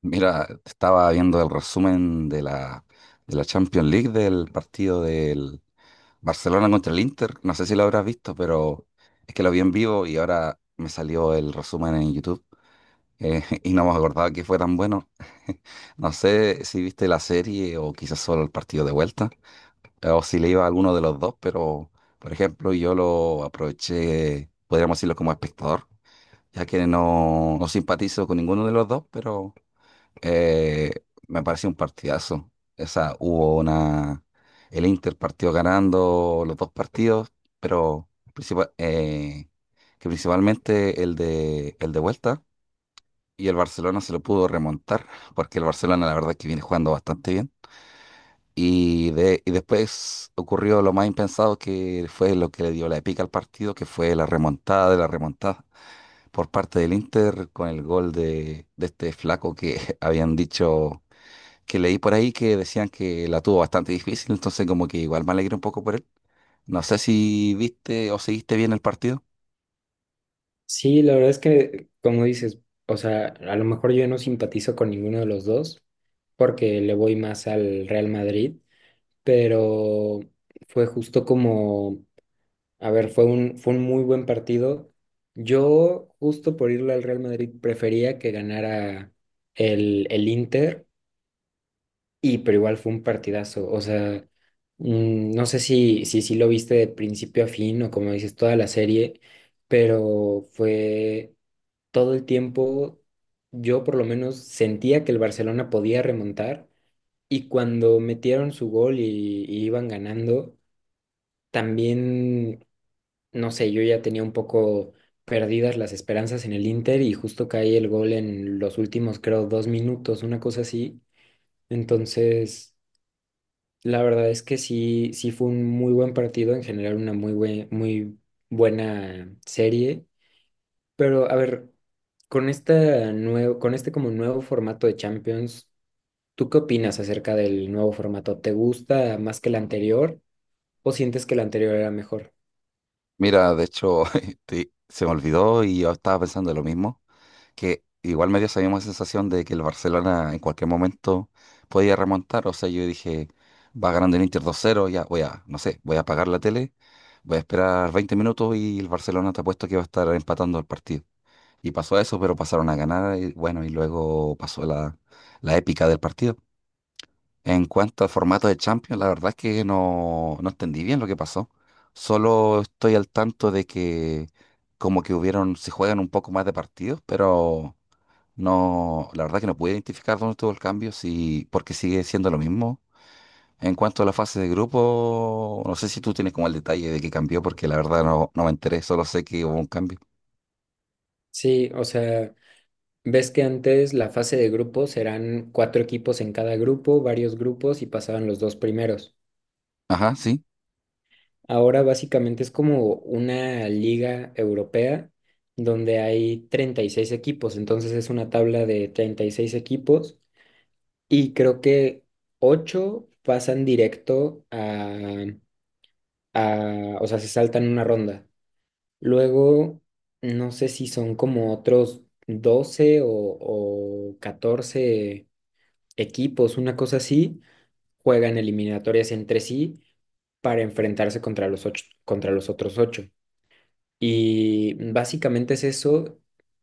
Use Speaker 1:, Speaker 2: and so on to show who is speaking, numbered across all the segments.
Speaker 1: Mira, estaba viendo el resumen de la Champions League del partido del Barcelona contra el Inter. No sé si lo habrás visto, pero es que lo vi en vivo y ahora me salió el resumen en YouTube y no me acordaba que fue tan bueno. No sé si viste la serie o quizás solo el partido de vuelta o si le iba a alguno de los dos, pero, por ejemplo, yo lo aproveché, podríamos decirlo como espectador, ya que no, no simpatizo con ninguno de los dos, pero... Eh, me pareció un partidazo. Esa, hubo una. El Inter partió ganando los dos partidos, pero principal- eh, que principalmente el de vuelta. Y el Barcelona se lo pudo remontar, porque el Barcelona la verdad es que viene jugando bastante bien. Y después ocurrió lo más impensado que fue lo que le dio la pica al partido, que fue la remontada de la remontada por parte del Inter con el gol de este flaco que habían dicho, que leí por ahí que decían que la tuvo bastante difícil, entonces como que igual me alegré un poco por él. No sé si viste o seguiste bien el partido.
Speaker 2: Sí, la verdad es que, como dices, o sea, a lo mejor yo no simpatizo con ninguno de los dos porque le voy más al Real Madrid, pero fue justo como, a ver, fue un, muy buen partido. Yo, justo por irle al Real Madrid, prefería que ganara el, Inter, y pero igual fue un partidazo. O sea, no sé si lo viste de principio a fin o como dices, toda la serie, pero fue todo el tiempo yo por lo menos sentía que el Barcelona podía remontar y cuando metieron su gol y iban ganando, también, no sé, yo ya tenía un poco perdidas las esperanzas en el Inter y justo cae el gol en los últimos, creo, 2 minutos, una cosa así. Entonces, la verdad es que sí, sí fue un muy buen partido en general, una muy buena serie. Pero a ver, con este como nuevo formato de Champions, ¿tú qué opinas acerca del nuevo formato? ¿Te gusta más que el anterior o sientes que el anterior era mejor?
Speaker 1: Mira, de hecho, se me olvidó y yo estaba pensando lo mismo, que igual me dio esa misma sensación de que el Barcelona en cualquier momento podía remontar. O sea, yo dije, va ganando el Inter 2-0, ya voy a, no sé, voy a apagar la tele, voy a esperar 20 minutos y el Barcelona, te apuesto que va a estar empatando el partido. Y pasó eso, pero pasaron a ganar y bueno, y luego pasó la épica del partido. En cuanto al formato de Champions, la verdad es que no, no entendí bien lo que pasó. Solo estoy al tanto de que como que hubieron, se juegan un poco más de partidos, pero no, la verdad que no pude identificar dónde estuvo el cambio, sí, porque sigue siendo lo mismo. En cuanto a la fase de grupo, no sé si tú tienes como el detalle de qué cambió, porque la verdad no, no me enteré, solo sé que hubo un cambio.
Speaker 2: Sí, o sea, ves que antes la fase de grupos eran cuatro equipos en cada grupo, varios grupos y pasaban los dos primeros.
Speaker 1: Ajá, sí.
Speaker 2: Ahora básicamente es como una liga europea donde hay 36 equipos, entonces es una tabla de 36 equipos. Y creo que ocho pasan directo a, o sea, se saltan una ronda. Luego, no sé si son como otros 12 o 14 equipos, una cosa así, juegan eliminatorias entre sí para enfrentarse contra los ocho, contra los otros ocho. Y básicamente es eso.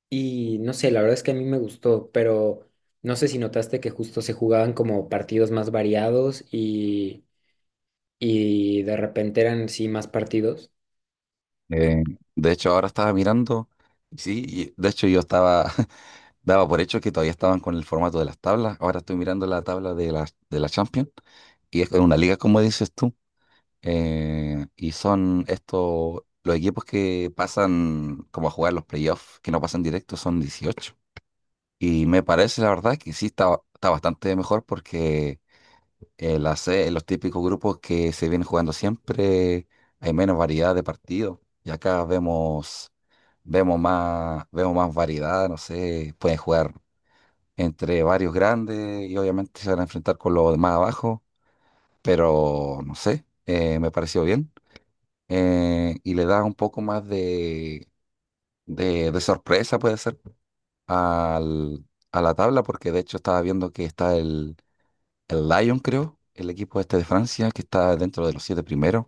Speaker 2: Y no sé, la verdad es que a mí me gustó, pero no sé si notaste que justo se jugaban como partidos más variados y de repente eran sí más partidos.
Speaker 1: eh, de hecho, ahora estaba mirando, sí, y de hecho yo estaba, daba por hecho que todavía estaban con el formato de las tablas. Ahora estoy mirando la tabla de la Champions y es una liga, como dices tú. Y son estos, los equipos que pasan como a jugar los playoffs, que no pasan directo, son 18. Y me parece, la verdad, que sí está bastante mejor porque en la C, los típicos grupos que se vienen jugando siempre, hay menos variedad de partidos. Y acá vemos, vemos más variedad, no sé, pueden jugar entre varios grandes y obviamente se van a enfrentar con los de más abajo, pero no sé, me pareció bien y le da un poco más de, de sorpresa, puede ser, al, a la tabla, porque de hecho estaba viendo que está el Lyon, creo, el equipo este de Francia, que está dentro de los siete primeros,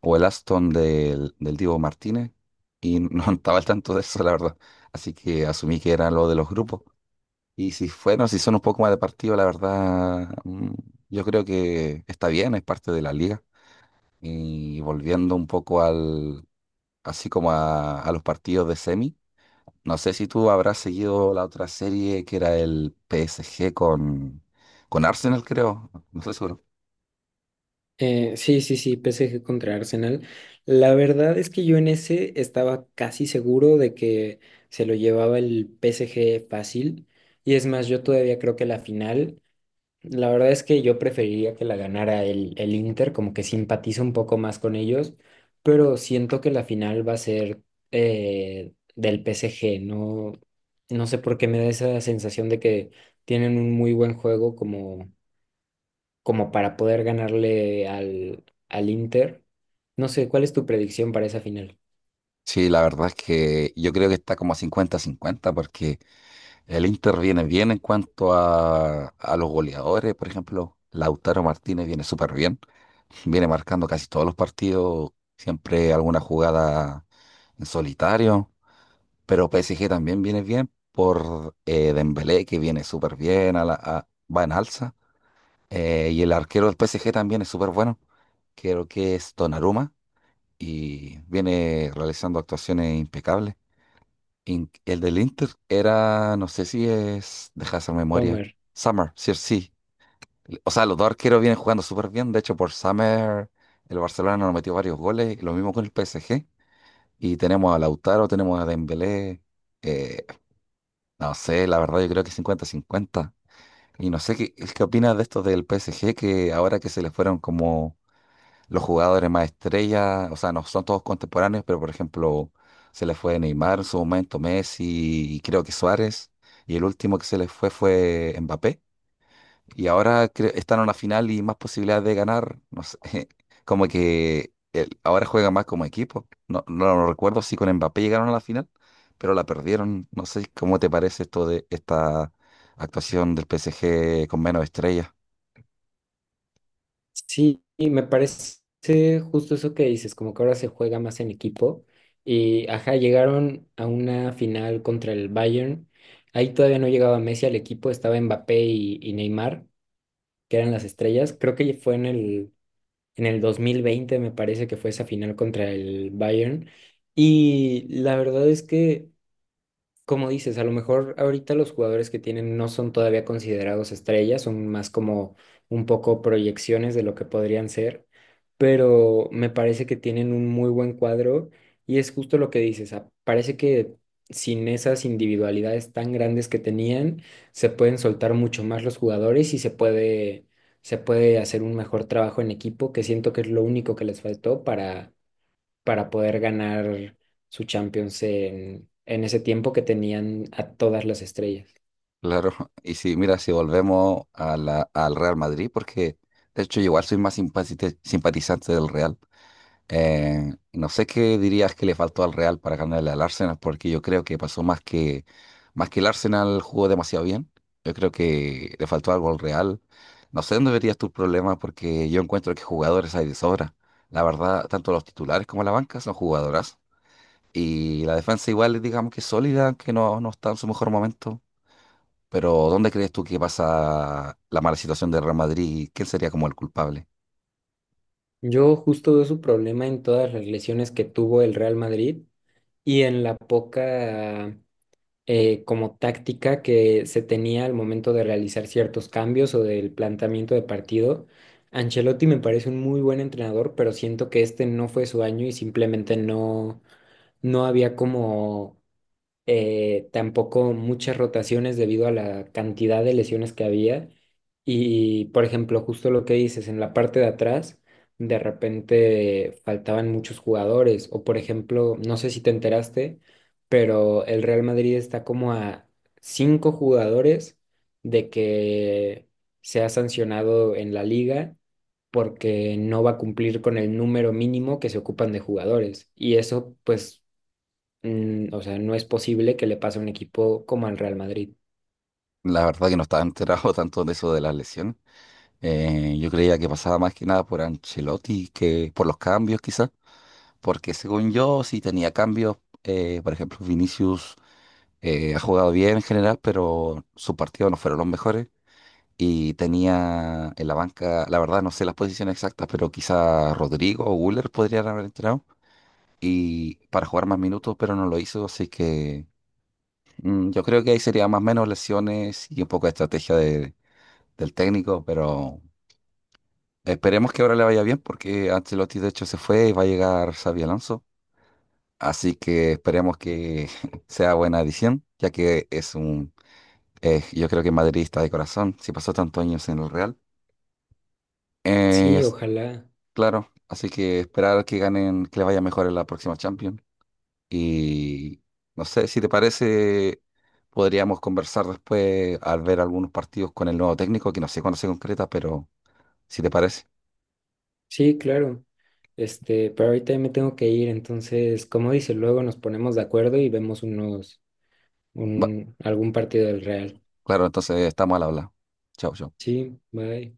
Speaker 1: o el Aston del Divo Martínez, y no estaba al tanto de eso, la verdad. Así que asumí que era lo de los grupos. Y si fueron, si son un poco más de partido, la verdad, yo creo que está bien, es parte de la liga. Y volviendo un poco al así como a los partidos de semi. No sé si tú habrás seguido la otra serie que era el PSG con Arsenal, creo. No, no estoy seguro.
Speaker 2: Sí, sí, sí, PSG contra Arsenal. La verdad es que yo en ese estaba casi seguro de que se lo llevaba el PSG fácil. Y es más, yo todavía creo que la final. La verdad es que yo preferiría que la ganara el, Inter, como que simpatizo un poco más con ellos, pero siento que la final va a ser del PSG, no, no sé por qué me da esa sensación de que tienen un muy buen juego como para poder ganarle al Inter. No sé, ¿cuál es tu predicción para esa final,
Speaker 1: Sí, la verdad es que yo creo que está como a 50-50 porque el Inter viene bien en cuanto a los goleadores. Por ejemplo, Lautaro Martínez viene súper bien. Viene marcando casi todos los partidos, siempre alguna jugada en solitario. Pero PSG también viene bien por Dembélé, que viene súper bien, va en alza. Y el arquero del PSG también es súper bueno. Creo que es Donnarumma y viene realizando actuaciones impecables. El del Inter era, no sé si es, deja de hacer memoria,
Speaker 2: Romer?
Speaker 1: Summer, sí, sí. O sea, los dos arqueros vienen jugando súper bien. De hecho, por Summer el Barcelona nos metió varios goles, lo mismo con el PSG. Y tenemos a Lautaro, tenemos a Dembélé. eh, No sé, la verdad yo creo que 50-50. Y no sé qué, opinas de estos del PSG, que ahora que se les fueron como los jugadores más estrellas, o sea, no son todos contemporáneos, pero, por ejemplo, se les fue Neymar en su momento, Messi y creo que Suárez, y el último que se les fue fue Mbappé. Y ahora están en una final y más posibilidades de ganar. No sé, como que ahora juegan más como equipo. No, no lo recuerdo si con Mbappé llegaron a la final, pero la perdieron. No sé cómo te parece esto de esta actuación del PSG con menos estrellas.
Speaker 2: Sí, y me parece justo eso que dices, como que ahora se juega más en equipo. Y ajá, llegaron a una final contra el Bayern. Ahí todavía no llegaba Messi al equipo, estaba Mbappé y Neymar, que eran las estrellas. Creo que fue en el 2020 me parece que fue esa final contra el Bayern. Y la verdad es que como dices, a lo mejor ahorita los jugadores que tienen no son todavía considerados estrellas, son más como un poco proyecciones de lo que podrían ser, pero me parece que tienen un muy buen cuadro y es justo lo que dices, parece que sin esas individualidades tan grandes que tenían, se pueden soltar mucho más los jugadores y se puede hacer un mejor trabajo en equipo, que siento que es lo único que les faltó para poder ganar su Champions en ese tiempo que tenían a todas las estrellas.
Speaker 1: Claro. Y si, mira, si volvemos al Real Madrid, porque de hecho yo igual soy más simpatizante del Real. No sé qué dirías que le faltó al Real para ganarle al Arsenal, porque yo creo que pasó más que el Arsenal jugó demasiado bien. Yo creo que le faltó algo al Real. No sé dónde verías tu problema, porque yo encuentro que jugadores hay de sobra. La verdad, tanto los titulares como la banca son jugadoras. Y la defensa igual, digamos que es sólida, aunque no, no está en su mejor momento. Pero ¿dónde crees tú que pasa la mala situación del Real Madrid? ¿Quién sería como el culpable?
Speaker 2: Yo justo veo su problema en todas las lesiones que tuvo el Real Madrid y en la poca como táctica que se tenía al momento de realizar ciertos cambios o del planteamiento de partido. Ancelotti me parece un muy buen entrenador, pero siento que este no fue su año y simplemente no había como tampoco muchas rotaciones debido a la cantidad de lesiones que había. Y, por ejemplo, justo lo que dices, en la parte de atrás, de repente faltaban muchos jugadores. O, por ejemplo, no sé si te enteraste, pero el Real Madrid está como a cinco jugadores de que sea sancionado en la liga porque no va a cumplir con el número mínimo que se ocupan de jugadores. Y eso, pues o sea, no es posible que le pase a un equipo como al Real Madrid.
Speaker 1: La verdad que no estaba enterado tanto de eso de las lesiones. Yo creía que pasaba más que nada por Ancelotti que por los cambios quizás, porque según yo sí tenía cambios, por ejemplo Vinicius ha jugado bien en general, pero sus partidos no fueron los mejores y tenía en la banca, la verdad no sé las posiciones exactas, pero quizá Rodrigo o Güler podrían haber entrado y para jugar más minutos, pero no lo hizo, así que yo creo que ahí sería más o menos lesiones y un poco de estrategia del técnico, pero esperemos que ahora le vaya bien porque Ancelotti de hecho se fue y va a llegar Xabi Alonso. Así que esperemos que sea buena adición, ya que es un, yo creo que madridista de corazón, si pasó tantos años en el Real. Eh,
Speaker 2: Sí,
Speaker 1: es-
Speaker 2: ojalá.
Speaker 1: claro, así que esperar que ganen, que le vaya mejor en la próxima Champions. Y no sé, si te parece, podríamos conversar después al ver algunos partidos con el nuevo técnico, que no sé cuándo se concreta, pero si te parece.
Speaker 2: Sí, claro. Pero ahorita ya me tengo que ir, entonces, como dice, luego nos ponemos de acuerdo y vemos
Speaker 1: Va-
Speaker 2: algún partido del Real.
Speaker 1: claro, entonces estamos al habla. Chao, chao.
Speaker 2: Sí, bye.